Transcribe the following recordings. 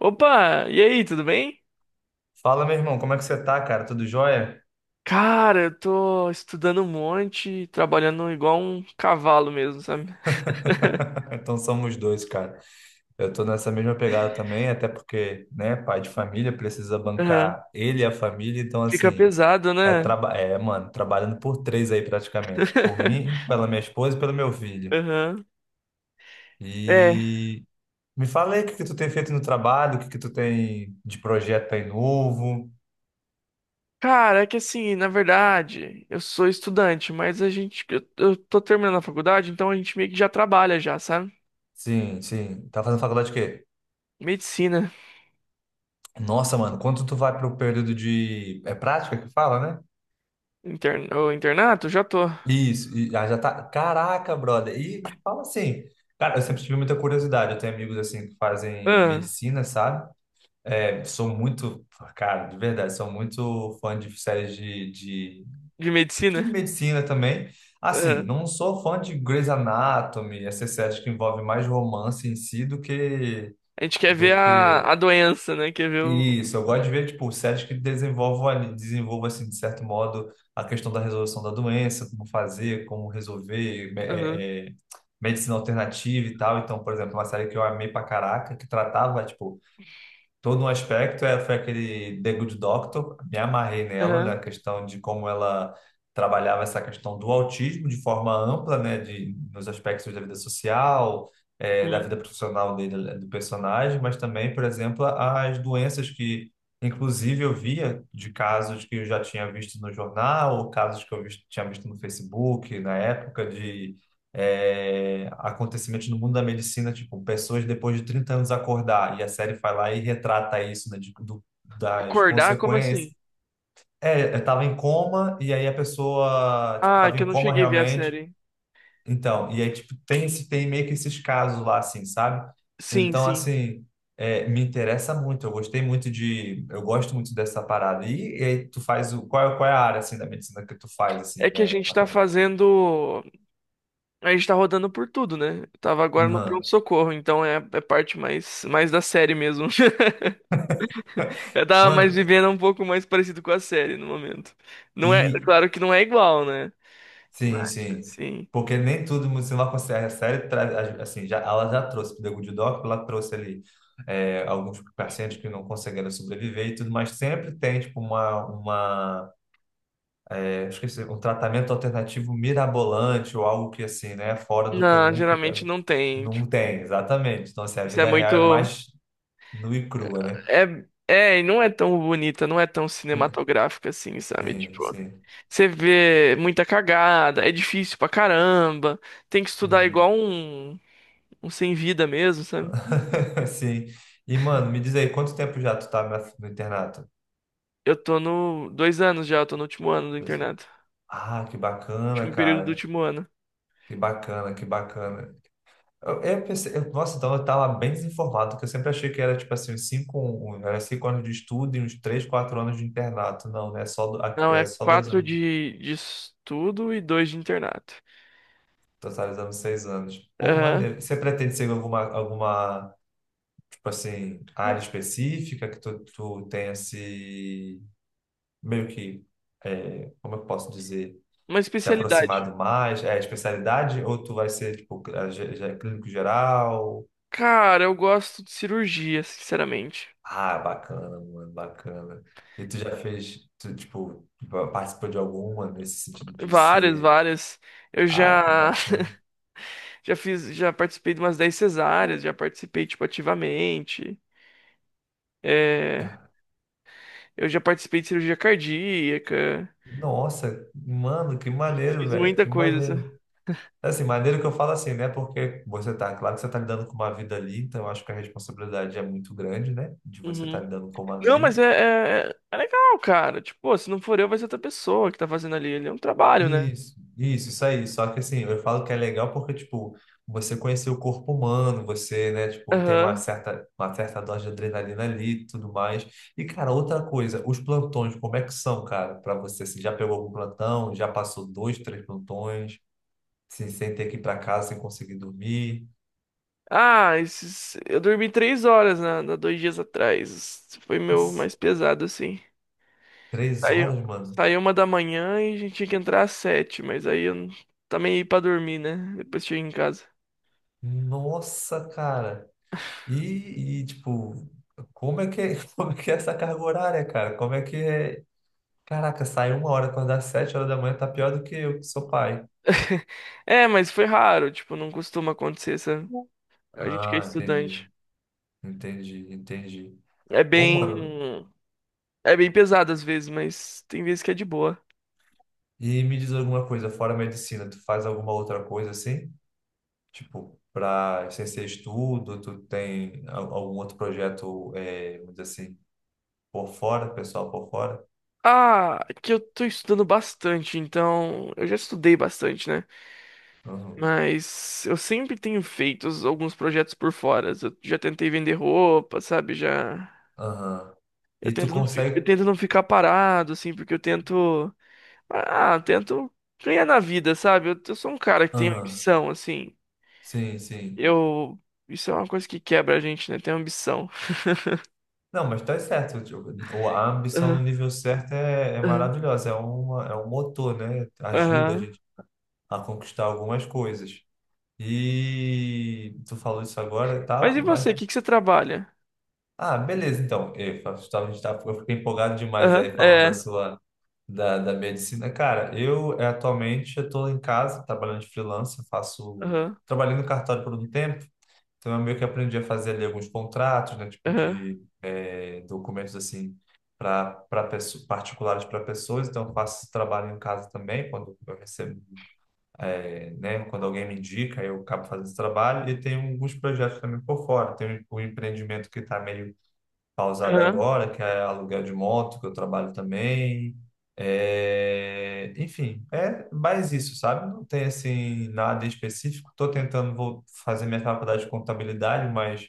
Opa, e aí, tudo bem? Fala, meu irmão, como é que você tá, cara? Tudo jóia? Cara, eu tô estudando um monte, trabalhando igual um cavalo mesmo, sabe? Então somos dois, cara. Eu tô nessa mesma pegada também, até porque, né, pai de família precisa Aham. bancar ele e a família, então Fica assim, pesado, né? Mano, trabalhando por três aí praticamente, por mim, pela minha esposa e pelo meu filho. Aham. É. E me fala aí o que que tu tem feito no trabalho, o que que tu tem de projeto aí novo. Cara, é que assim, na verdade, eu sou estudante, mas eu tô terminando a faculdade, então a gente meio que já trabalha já, sabe? Sim, sim. Tá fazendo faculdade de quê? Medicina, Nossa, mano, quanto tu vai pro período de. É prática que fala, né? Internato, já tô. Isso, e ah, já tá. Caraca, brother. E fala assim, cara, eu sempre tive muita curiosidade. Eu tenho amigos assim que fazem Ah, medicina, sabe? É, sou muito, cara, de verdade, sou muito fã de séries de, de, de de medicina? medicina também. Assim, Ah. não sou fã de Grey's Anatomy, essas séries que envolvem mais romance em si do que A gente quer do ver que a doença, né? Quer ver o. isso. Eu gosto de ver, tipo, séries que desenvolvam, assim, de certo modo, a questão da resolução da doença, como fazer, como resolver, Aham, medicina alternativa e tal. Então, por exemplo, uma série que eu amei pra caraca, que tratava, tipo, todo um aspecto foi aquele The Good Doctor. Me amarrei nela, né, a aham. questão de como ela trabalhava essa questão do autismo de forma ampla, né, de, nos aspectos da vida social, da vida profissional dele, do personagem, mas também, por exemplo, as doenças que, inclusive, eu via, de casos que eu já tinha visto no jornal, ou casos que eu tinha visto no Facebook, na época de acontecimentos no mundo da medicina, tipo, pessoas depois de 30 anos acordar, e a série vai lá e retrata isso, né, das Acordar? Como consequências. assim? É, eu tava em coma, e aí a pessoa, tipo, Ah, é tava que eu em não coma cheguei a ver a realmente, série. então, e aí, tipo, tem, tem meio que esses casos lá, assim, sabe? Sim, Então, sim. assim, me interessa muito, eu gostei muito de, eu gosto muito dessa parada. E aí tu faz qual é a área, assim, da medicina que tu faz, É assim, que a né, que tu gente tá tá fazendo? fazendo. A gente tá rodando por tudo, né? Eu tava agora no Aham. pronto-socorro, então é parte mais da série mesmo. Eu tava mais Mano. vivendo um pouco mais parecido com a série no momento. Não é, e claro que não é igual, né? Mas, Sim, sim. sim. Porque nem tudo você não consegue. A série traz, assim, já, ela já trouxe para o The Good Doctor, ela trouxe ali alguns pacientes que não conseguiram sobreviver e tudo, mas sempre tem tipo uma esqueci, um tratamento alternativo mirabolante ou algo que assim, né, fora do Não, comum geralmente não tem. não Tipo, tem, exatamente. Então, assim, a isso é vida real é muito. mais nua e crua, né? É, e não é tão bonita, não é tão cinematográfica assim, sabe? Sim, Tipo. sim. Você vê muita cagada, é difícil pra caramba, tem que estudar Uhum. igual um sem vida mesmo, sabe? Sim. E, mano, me diz aí, quanto tempo já tu tá no internato? Eu tô no 2 anos já, eu tô no último ano do internato. Ah, que bacana, Último período do cara. último ano. Que bacana, que bacana. Eu pensei, nossa, então eu estava bem desinformado, porque eu sempre achei que era tipo assim, uns cinco, era cinco anos de estudo e uns três, quatro anos de internato. Não, né? É só, Não, é é só dois 4 anos, de estudo e 2 de internato. totalizando seis anos. Pô, Aham. maneiro. Você pretende seguir tipo assim, área específica que tu tenha se, meio que, como eu posso dizer, Uma se especialidade. aproximado mais? É especialidade ou tu vai ser, tipo, clínico geral? Cara, eu gosto de cirurgia, sinceramente. Ah, bacana, mano, bacana. E tu já fez, tu, tipo, participou de alguma nesse sentido de Várias, ser. várias. Eu Ah, que já, bacana, já fiz, já participei de umas 10 cesáreas, já participei, tipo, ativamente. É. cara. Eu já participei de cirurgia cardíaca, Nossa, mano, que maneiro, fiz velho, muita que coisa. maneiro. Sabe? Assim, maneiro que eu falo assim, né? Porque você tá, claro que você tá lidando com uma vida ali, então eu acho que a responsabilidade é muito grande, né? De você estar Uhum. lidando com uma Não, vida. mas é legal, cara. Tipo, pô, se não for eu, vai ser outra pessoa que tá fazendo ali. Ele é um trabalho, né? Isso aí. Só que assim, eu falo que é legal porque, tipo, você conhecer o corpo humano, você, né, tipo, tem uma Aham. certa, uma certa dose de adrenalina ali e tudo mais. E, cara, outra coisa, os plantões, como é que são, cara, pra você? Assim, já pegou algum plantão? Já passou dois, três plantões? Assim, sem ter que ir pra casa, sem conseguir dormir? Ah, esses... eu dormi 3 horas, né? 2 dias atrás. Esse Foi meu Isso. mais pesado, assim. Três Saiu, horas, mano. saiu 1 da manhã e a gente tinha que entrar às 7, mas aí eu também ia pra dormir, né? Depois cheguei em casa. Nossa, cara. E, tipo, como é que é essa carga horária, cara? Como é que é. Caraca, sai uma hora, acordar às sete horas da manhã tá pior do que eu, que sou pai. É, mas foi raro, tipo, não costuma acontecer essa. A gente que é Ah, entendi, estudante. entendi, entendi. É Ô, mano, bem. É bem pesado às vezes, mas tem vezes que é de boa. e me diz alguma coisa, fora a medicina, tu faz alguma outra coisa assim? Tipo, pra, sem ser estudo, tu tem algum outro projeto, é, vamos dizer assim, por fora, pessoal por fora? Ah, é que eu tô estudando bastante, então eu já estudei bastante, né? Uhum. Mas eu sempre tenho feito alguns projetos por fora. Eu já tentei vender roupa, sabe? Já Aham. E tu eu consegue. tento não ficar parado assim, porque eu tento ganhar na vida, sabe? Eu sou um cara que tem Aham, ambição assim. sim, sim. Eu Isso é uma coisa que quebra a gente, né? Tem ambição. Não, mas tá certo. Tipo, A ambição no Aham, nível certo é, é aham, maravilhosa, é, uma, é um motor, né? Ajuda a aham. gente a conquistar algumas coisas. E tu falou isso agora e Mas e tal, mas. você? O que que você trabalha? Ah, beleza, então. Eu, tava- a gente tá- eu fiquei empolgado demais Aham, aí falando da é. sua. Da medicina. Cara, eu atualmente eu tô em casa, trabalhando de freelancer, faço. Aham, Trabalhei no cartório por um tempo, então eu meio que aprendi a fazer ali alguns contratos, né? Tipo aham, de documentos assim, para particulares, para pessoas, então eu faço esse trabalho em casa também, quando eu recebo né? Quando alguém me indica, eu acabo fazendo esse trabalho, e tem alguns projetos também por fora. Tem um empreendimento que está meio pausado aham, agora, que é aluguel de moto, que eu trabalho também. É, enfim, é mais isso, sabe? Não tem assim nada específico. Estou tentando, vou fazer minha faculdade de contabilidade, mas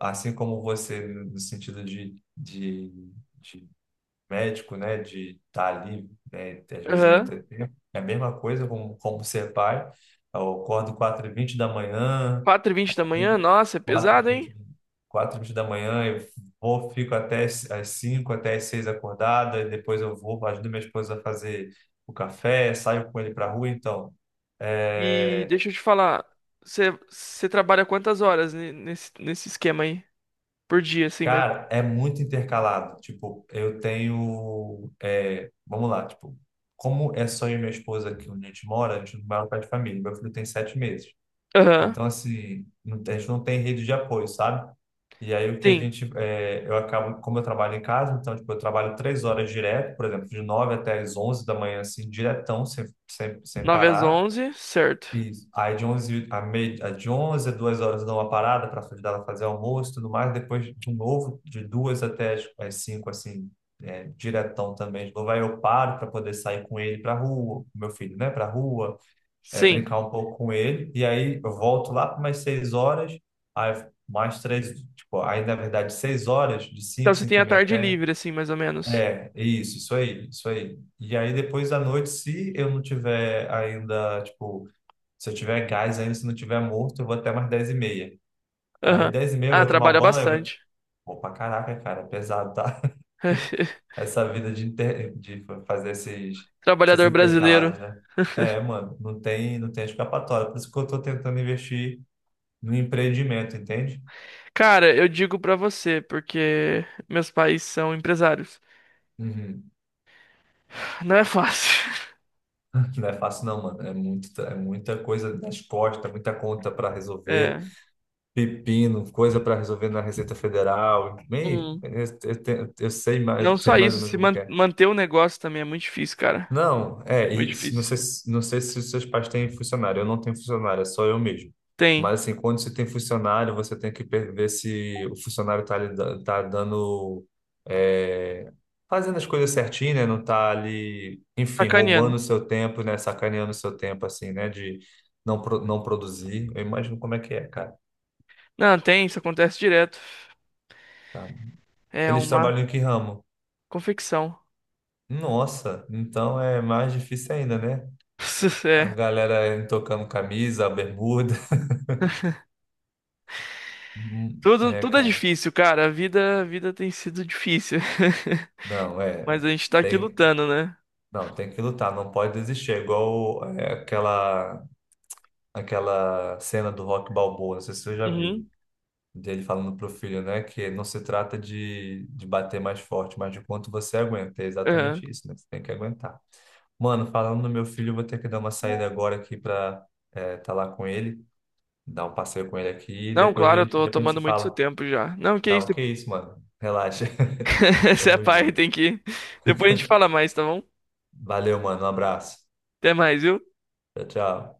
assim como você, no sentido de médico, né, de estar ali, né, às vezes não aham. ter tempo. É a mesma coisa como, como ser pai. Eu acordo 4h20 da manhã, 4h20 da manhã? Nossa, é quatro e pesado, hein? vinte, quatro e vinte da manhã, eu vou, fico até as 5, até as 6 acordado, e depois eu vou, ajudo minha esposa a fazer o café, saio com ele para a rua, então. E É. deixa eu te falar, você trabalha quantas horas nesse, nesse esquema aí? Por dia, assim, mas. Cara, é muito intercalado. Tipo, eu tenho. É, vamos lá, tipo, como é só eu e minha esposa aqui onde a gente mora, a gente não mora perto de família. Meu filho tem sete meses. Aham, Então, assim, a gente não tem rede de apoio, sabe? E aí o que a sim. gente. Eu acabo, como eu trabalho em casa, então, tipo, eu trabalho três horas direto, por exemplo, de nove até as onze da manhã, assim, diretão, sem, nove às parar. onze certo. Isso. Aí de 11 a meia, a de 11 a 2 horas eu dou uma parada para ajudar ela a fazer almoço e tudo mais. Depois, de novo, de 2 até as 5 assim, é, diretão também. De novo, aí eu paro para poder sair com ele para rua, com meu filho, né, para rua, é, Sim. brincar um pouco com ele. E aí eu volto lá para umas 6 horas, aí mais três, tipo, aí na verdade 6 horas, de Então você tem 5 e a meia tarde até. livre, assim, mais ou menos. É, isso aí, isso aí. E aí depois à noite, se eu não tiver ainda, tipo, se eu tiver gás ainda, se não tiver morto, eu vou até mais 10 e meia. Aí Aham. 10 e meia eu Ah, vou tomar trabalha banho, eu vou. bastante. Pô, pra caraca, cara, é pesado, tá? Essa vida de, inter. De fazer esses. Essas Trabalhador brasileiro. intercaladas, né? É, mano, não tem escapatória. Por isso que eu tô tentando investir no empreendimento, entende? Cara, eu digo pra você, porque meus pais são empresários. Uhum. Não é fácil. Não é fácil, não, mano. É muito, é muita coisa nas costas, muita conta para resolver, É. pepino, coisa para resolver na Receita Federal. Meio, Hum. Eu sei mais, Não só isso, ou menos se como é que man- é. manter o negócio também é muito difícil, cara. Não, É é, muito não difícil. sei, não sei se os seus pais têm funcionário. Eu não tenho funcionário, é só eu mesmo. Tem. Mas assim, quando você tem funcionário, você tem que ver se o funcionário está tá lhe tá dando, é, fazendo as coisas certinho, né? Não tá ali, enfim, Sacaneando. roubando o seu tempo, né? Sacaneando o seu tempo, assim, né? De não produzir. Eu imagino como é que é, cara. Não, tem, isso acontece direto. Tá. É Eles uma trabalham em que ramo? confecção. Nossa, então é mais difícil ainda, né? A É. galera tocando camisa, bermuda. Tudo, É, tudo é cara. difícil, cara. A vida tem sido difícil. Não, é. Mas a gente tá aqui Tem. lutando, né? Não, tem que lutar, não pode desistir. É igual, é, aquela, aquela cena do Rock Balboa, não sei se você já viu, Uhum. dele falando pro filho, né? Que não se trata de bater mais forte, mas de quanto você aguenta. É Aham. exatamente isso, né? Você tem que aguentar. Mano, falando do meu filho, eu vou ter que dar uma saída agora aqui pra tá lá com ele, dar um passeio com ele aqui, e Não, claro, eu tô depois a gente tomando se muito seu fala. tempo já. Não, que Não, isso. que isso, mano. Relaxa. Você é Tamo pai, junto. tem que. Depois a gente fala mais, tá bom? Valeu, mano. Um abraço. Até mais, viu? Tchau, tchau.